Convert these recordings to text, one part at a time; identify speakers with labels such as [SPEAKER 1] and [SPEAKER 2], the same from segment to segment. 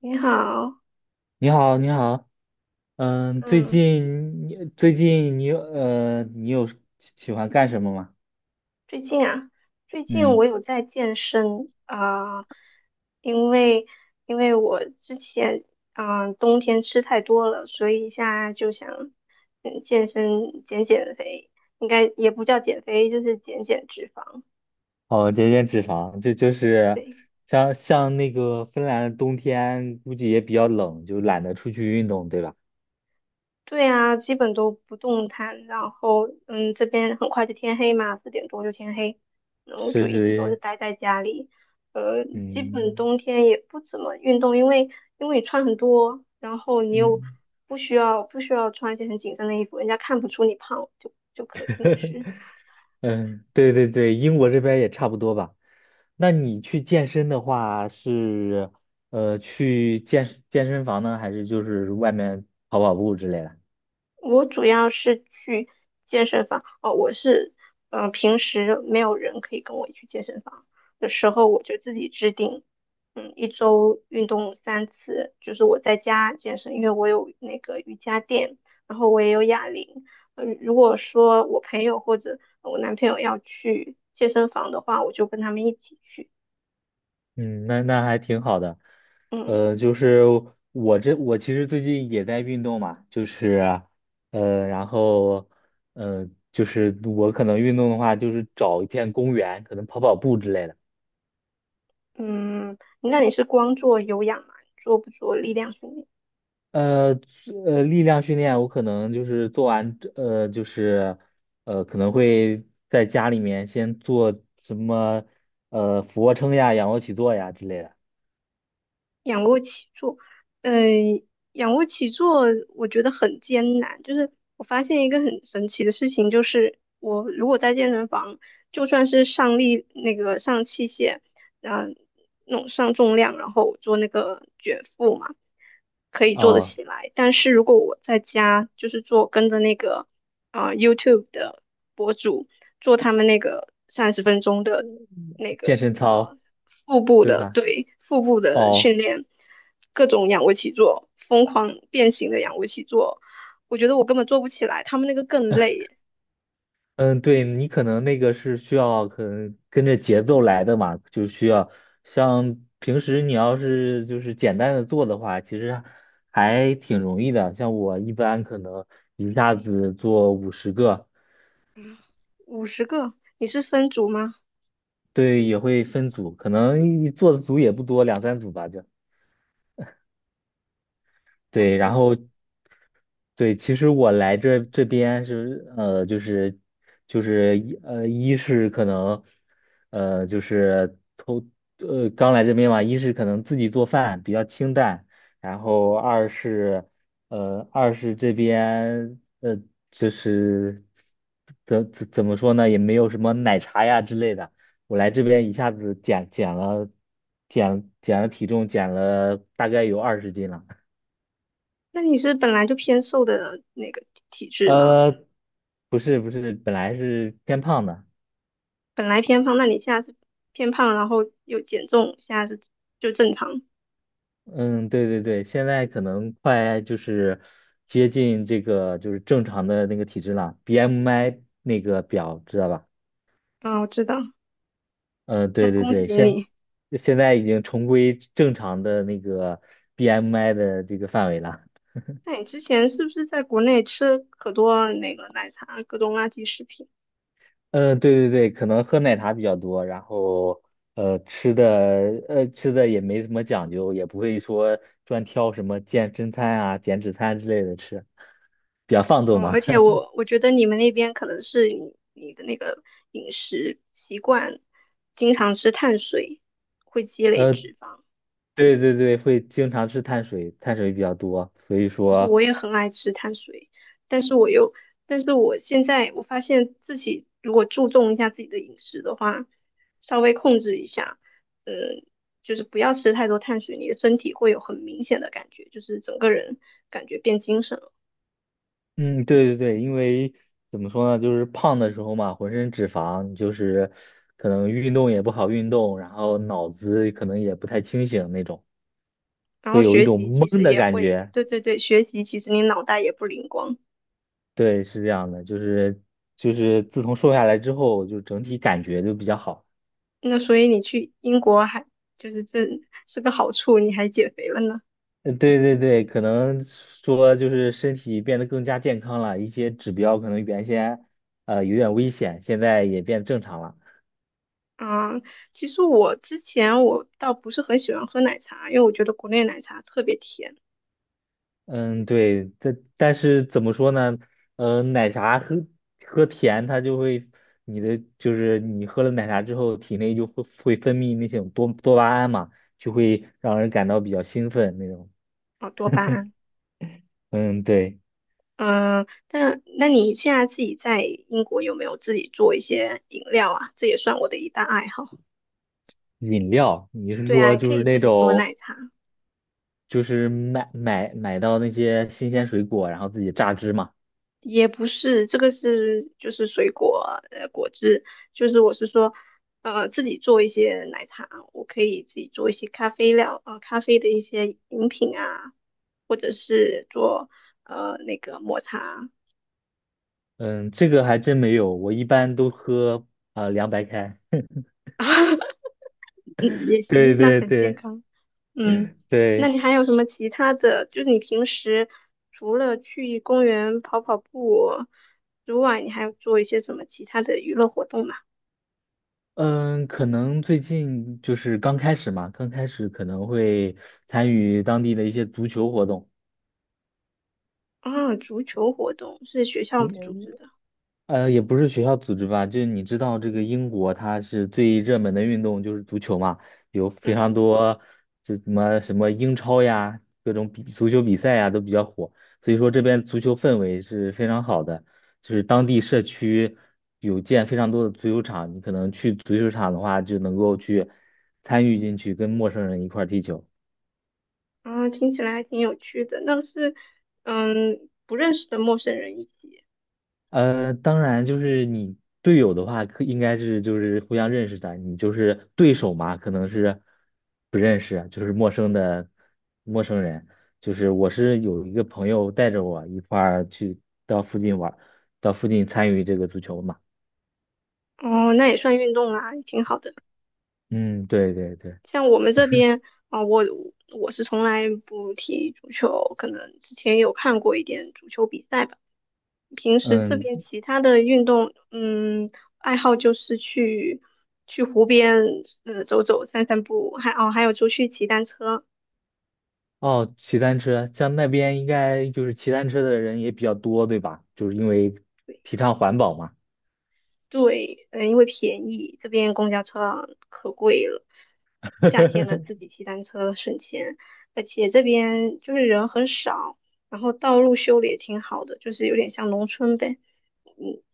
[SPEAKER 1] 你好，
[SPEAKER 2] 你好，你好，嗯，最
[SPEAKER 1] 嗯，
[SPEAKER 2] 近你最近你有呃，你有喜喜欢干什么吗？
[SPEAKER 1] 最近啊，最近我
[SPEAKER 2] 嗯，
[SPEAKER 1] 有在健身啊，因为因为我之前啊，冬天吃太多了，所以现在就想健身减减肥，应该也不叫减肥，就是减减脂肪，
[SPEAKER 2] 哦，减脂肪，这就是
[SPEAKER 1] 对。
[SPEAKER 2] 像那个芬兰的冬天，估计也比较冷，就懒得出去运动，对吧？
[SPEAKER 1] 对啊，基本都不动弹，然后这边很快就天黑嘛，4点多就天黑，然后就
[SPEAKER 2] 是
[SPEAKER 1] 一直都是
[SPEAKER 2] 是，
[SPEAKER 1] 待在家里，呃，基本
[SPEAKER 2] 嗯
[SPEAKER 1] 冬天也不怎么运动，因为你穿很多，然后你又
[SPEAKER 2] 嗯
[SPEAKER 1] 不需要穿一些很紧身的衣服，人家看不出你胖，就可进去。
[SPEAKER 2] 嗯，对对对，英国这边也差不多吧。那你去健身的话去健身房呢，还是就是外面跑跑步之类的？
[SPEAKER 1] 我主要是去健身房哦，我是嗯、呃平时没有人可以跟我一起去健身房的时候，我就自己制定，一周运动3次，就是我在家健身，因为我有那个瑜伽垫，然后我也有哑铃。如果说我朋友或者我男朋友要去健身房的话，我就跟他们一起去。
[SPEAKER 2] 嗯，那还挺好的。
[SPEAKER 1] 嗯
[SPEAKER 2] 就是我其实最近也在运动嘛，就是然后就是我可能运动的话，就是找一片公园，可能跑跑步之类的。
[SPEAKER 1] 嗯，那你是光做有氧吗？做不做力量训练？
[SPEAKER 2] 呃力量训练我可能就是做完就是可能会在家里面先做什么俯卧撑呀、仰卧起坐呀之类的。
[SPEAKER 1] 仰卧起坐，嗯、仰卧起坐我觉得很艰难。就是我发现一个很神奇的事情，就是我如果在健身房，就算是上器械，嗯、那种上重量，然后做那个卷腹嘛，可以做得
[SPEAKER 2] 哦，
[SPEAKER 1] 起来。但是如果我在家就是做跟着那个YouTube 的博主做他们那个30分钟的那
[SPEAKER 2] 健
[SPEAKER 1] 个
[SPEAKER 2] 身操，
[SPEAKER 1] 呃腹部
[SPEAKER 2] 对
[SPEAKER 1] 的
[SPEAKER 2] 吧？
[SPEAKER 1] 对腹部的训
[SPEAKER 2] 哦。
[SPEAKER 1] 练，各种仰卧起坐，疯狂变形的仰卧起坐，我觉得我根本做不起来，他们那个更累，
[SPEAKER 2] 嗯，对，你可能那个是需要可能跟着节奏来的嘛，就需要像平时你要是就是简单的做的话，其实还挺容易的。像我一般可能一下子做50个，
[SPEAKER 1] 50个，你是分组吗？
[SPEAKER 2] 对，也会分组，可能一做的组也不多，两三组吧就。
[SPEAKER 1] 两
[SPEAKER 2] 对，
[SPEAKER 1] 三
[SPEAKER 2] 然后
[SPEAKER 1] 组？
[SPEAKER 2] 对，其实我来这边就是一是可能就是刚来这边嘛，一是可能自己做饭比较清淡，然后二是这边就是怎么说呢，也没有什么奶茶呀之类的，我来这边一下子减了体重，减了大概有20斤了。
[SPEAKER 1] 那你是本来就偏瘦的那个体质吗？
[SPEAKER 2] 呃，不是不是，本来是偏胖的，
[SPEAKER 1] 本来偏胖，那你现在是偏胖，然后又减重，现在是就正常。
[SPEAKER 2] 嗯，对对对，现在可能快就是接近这个就是正常的那个体质了，BMI 那个表知道吧？
[SPEAKER 1] 啊，我知道，
[SPEAKER 2] 嗯、
[SPEAKER 1] 那
[SPEAKER 2] 对对
[SPEAKER 1] 恭
[SPEAKER 2] 对，
[SPEAKER 1] 喜
[SPEAKER 2] 现
[SPEAKER 1] 你。
[SPEAKER 2] 现在已经重归正常的那个 BMI 的这个范围了。
[SPEAKER 1] 那你之前是不是在国内吃可多那个奶茶、各种垃圾食品？
[SPEAKER 2] 嗯、对对对，可能喝奶茶比较多，然后呃吃的吃的也没什么讲究，也不会说专挑什么健身餐啊、减脂餐之类的吃，比较放纵
[SPEAKER 1] 哦，
[SPEAKER 2] 嘛。
[SPEAKER 1] 而且 我觉得你们那边可能是你的那个饮食习惯，经常吃碳水，会积累
[SPEAKER 2] 呃，
[SPEAKER 1] 脂肪。
[SPEAKER 2] 对对对，会经常吃碳水，碳水比较多，所以
[SPEAKER 1] 其实
[SPEAKER 2] 说，
[SPEAKER 1] 我也很爱吃碳水，但是我又，但是我现在我发现自己如果注重一下自己的饮食的话，稍微控制一下，嗯，就是不要吃太多碳水，你的身体会有很明显的感觉，就是整个人感觉变精神了。
[SPEAKER 2] 嗯，对对对，因为怎么说呢，就是胖的时候嘛，浑身脂肪，就是可能运动也不好运动，然后脑子可能也不太清醒那种，
[SPEAKER 1] 然
[SPEAKER 2] 会
[SPEAKER 1] 后
[SPEAKER 2] 有一
[SPEAKER 1] 学
[SPEAKER 2] 种
[SPEAKER 1] 习其
[SPEAKER 2] 懵
[SPEAKER 1] 实
[SPEAKER 2] 的
[SPEAKER 1] 也
[SPEAKER 2] 感
[SPEAKER 1] 会，
[SPEAKER 2] 觉。
[SPEAKER 1] 对对对，学习其实你脑袋也不灵光，
[SPEAKER 2] 对，是这样的，就是自从瘦下来之后，就整体感觉就比较好。
[SPEAKER 1] 那所以你去英国还就是这是个好处，你还减肥了呢。
[SPEAKER 2] 对对对，可能说就是身体变得更加健康了，一些指标可能原先有点危险，现在也变正常了。
[SPEAKER 1] 嗯，其实我之前我倒不是很喜欢喝奶茶，因为我觉得国内奶茶特别甜
[SPEAKER 2] 嗯，对，但是怎么说呢？奶茶喝甜，它就会你的就是你喝了奶茶之后，体内就会分泌那种多巴胺嘛，就会让人感到比较兴奋那种。
[SPEAKER 1] 啊，多巴胺。
[SPEAKER 2] 嗯，对。
[SPEAKER 1] 嗯，但那你现在自己在英国有没有自己做一些饮料啊？这也算我的一大爱好。
[SPEAKER 2] 饮料，你是
[SPEAKER 1] 对
[SPEAKER 2] 说
[SPEAKER 1] 啊，可
[SPEAKER 2] 就是
[SPEAKER 1] 以
[SPEAKER 2] 那
[SPEAKER 1] 自己做
[SPEAKER 2] 种
[SPEAKER 1] 奶茶，
[SPEAKER 2] 就是买到那些新鲜水果，然后自己榨汁嘛？
[SPEAKER 1] 也不是这个是就是水果果汁，就是我是说自己做一些奶茶，我可以自己做一些咖啡料啊、咖啡的一些饮品啊。或者是做那个抹茶，
[SPEAKER 2] 嗯，这个还真没有，我一般都喝凉白开。
[SPEAKER 1] 嗯 也
[SPEAKER 2] 对
[SPEAKER 1] 行，那
[SPEAKER 2] 对
[SPEAKER 1] 很健
[SPEAKER 2] 对
[SPEAKER 1] 康。嗯，那
[SPEAKER 2] 对，
[SPEAKER 1] 你还有什么其他的？就是你平时除了去公园跑跑步之外，你还有做一些什么其他的娱乐活动吗？
[SPEAKER 2] 嗯，可能最近就是刚开始嘛，刚开始可能会参与当地的一些足球活动。
[SPEAKER 1] 啊，足球活动是学校组
[SPEAKER 2] 嗯
[SPEAKER 1] 织的。
[SPEAKER 2] 呃，也不是学校组织吧，就是你知道这个英国它是最热门的运动就是足球嘛，有非
[SPEAKER 1] 嗯，
[SPEAKER 2] 常多这什么什么英超呀，各种足球比赛呀都比较火，所以说这边足球氛围是非常好的，就是当地社区有建非常多的足球场，你可能去足球场的话就能够去参与进去，跟陌生人一块儿踢球。
[SPEAKER 1] 啊，听起来还挺有趣的。那是不认识的陌生人一起，
[SPEAKER 2] 当然就是你队友的话，可应该是就是互相认识的。你就是对手嘛，可能是不认识，就是陌生人。就是我是有一个朋友带着我一块儿去到附近玩儿到附近参与这个足球嘛。
[SPEAKER 1] 哦，那也算运动啊，也挺好的。
[SPEAKER 2] 嗯，对对对，
[SPEAKER 1] 像我们这边啊、我我是从来不踢足球，可能之前有看过一点足球比赛吧。平时这
[SPEAKER 2] 嗯，
[SPEAKER 1] 边其他的运动，爱好就是去湖边，走走、散散步，还有出去骑单车。
[SPEAKER 2] 哦，骑单车，像那边应该就是骑单车的人也比较多，对吧？就是因为
[SPEAKER 1] 对。
[SPEAKER 2] 提倡环保嘛。
[SPEAKER 1] 对，因为便宜，这边公交车啊可贵了。夏天了，自 己骑单车省钱，而且这边就是人很少，然后道路修的也挺好的，就是有点像农村呗。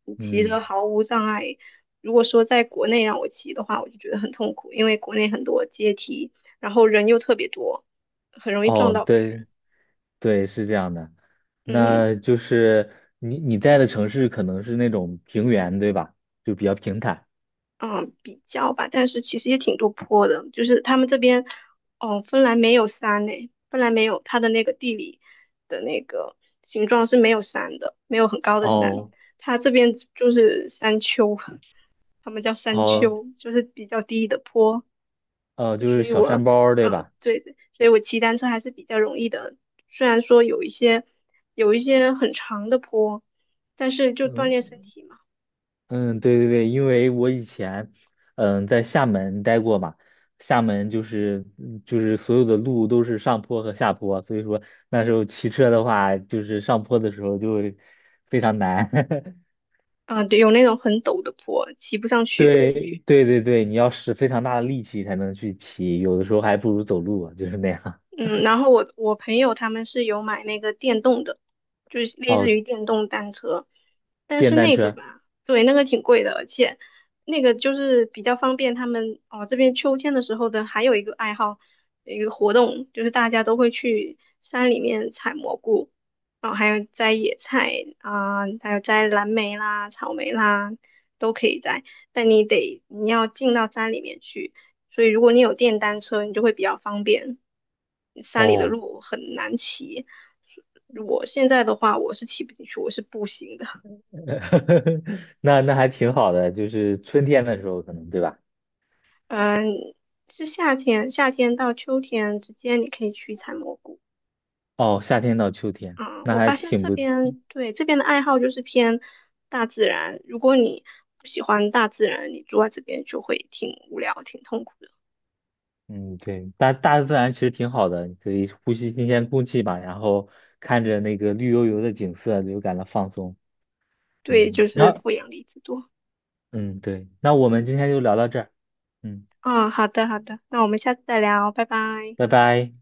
[SPEAKER 1] 嗯，骑着
[SPEAKER 2] 嗯，
[SPEAKER 1] 毫无障碍。如果说在国内让我骑的话，我就觉得很痛苦，因为国内很多阶梯，然后人又特别多，很容易撞
[SPEAKER 2] 哦，
[SPEAKER 1] 到别人。
[SPEAKER 2] 对。对，是这样的。
[SPEAKER 1] 嗯。
[SPEAKER 2] 那就是你在的城市可能是那种平原，对吧？就比较平坦。
[SPEAKER 1] 嗯比较吧，但是其实也挺多坡的，就是他们这边，哦，芬兰没有山呢，芬兰没有它的那个地理的那个形状是没有山的，没有很高的山，
[SPEAKER 2] 哦，
[SPEAKER 1] 它这边就是山丘，他们叫山
[SPEAKER 2] 哦，
[SPEAKER 1] 丘，就是比较低的坡，
[SPEAKER 2] 就是小山包儿，对
[SPEAKER 1] 嗯，
[SPEAKER 2] 吧？
[SPEAKER 1] 对对，所以我骑单车还是比较容易的，虽然说有一些很长的坡，但是就锻
[SPEAKER 2] 嗯
[SPEAKER 1] 炼身体嘛，
[SPEAKER 2] 嗯，对对对，因为我以前在厦门待过嘛，厦门就是就是所有的路都是上坡和下坡，所以说那时候骑车的话，就是上坡的时候就会非常难。
[SPEAKER 1] 嗯，对，有那种很陡的坡，骑不上去。
[SPEAKER 2] 对对对对，你要使非常大的力气才能去骑，有的时候还不如走路，就是那样。
[SPEAKER 1] 嗯，然后我朋友他们是有买那个电动的，就是类似
[SPEAKER 2] 哦，
[SPEAKER 1] 于电动单车，但
[SPEAKER 2] 电
[SPEAKER 1] 是
[SPEAKER 2] 单
[SPEAKER 1] 那个
[SPEAKER 2] 车，
[SPEAKER 1] 吧，对，那个挺贵的，而且那个就是比较方便他们哦，这边秋天的时候的还有一个爱好，一个活动就是大家都会去山里面采蘑菇，然后还有摘野菜啊，还有摘蓝莓啦、草莓啦，都可以摘，但你要进到山里面去。所以如果你有电单车，你就会比较方便。山里的
[SPEAKER 2] 哦，
[SPEAKER 1] 路很难骑，我现在的话我是骑不进去，我是步行的。
[SPEAKER 2] 那还挺好的，就是春天的时候可能，对吧？
[SPEAKER 1] 嗯，是夏天，夏天到秋天之间，你可以去采蘑菇。
[SPEAKER 2] 哦，夏天到秋天，
[SPEAKER 1] 嗯，
[SPEAKER 2] 那
[SPEAKER 1] 我
[SPEAKER 2] 还
[SPEAKER 1] 发现
[SPEAKER 2] 挺
[SPEAKER 1] 这
[SPEAKER 2] 不，
[SPEAKER 1] 边对这边的爱好就是偏大自然。如果你不喜欢大自然，你住在这边就会挺无聊、挺痛苦的。
[SPEAKER 2] 嗯，对，大自然其实挺好的，你可以呼吸新鲜空气吧，然后看着那个绿油油的景色，就感到放松。
[SPEAKER 1] 对，就
[SPEAKER 2] 嗯，然
[SPEAKER 1] 是
[SPEAKER 2] 后，
[SPEAKER 1] 负氧离子多。
[SPEAKER 2] 嗯，对，那我们今天就聊到这儿，嗯，
[SPEAKER 1] 嗯，好的，好的，那我们下次再聊，拜拜。
[SPEAKER 2] 拜拜。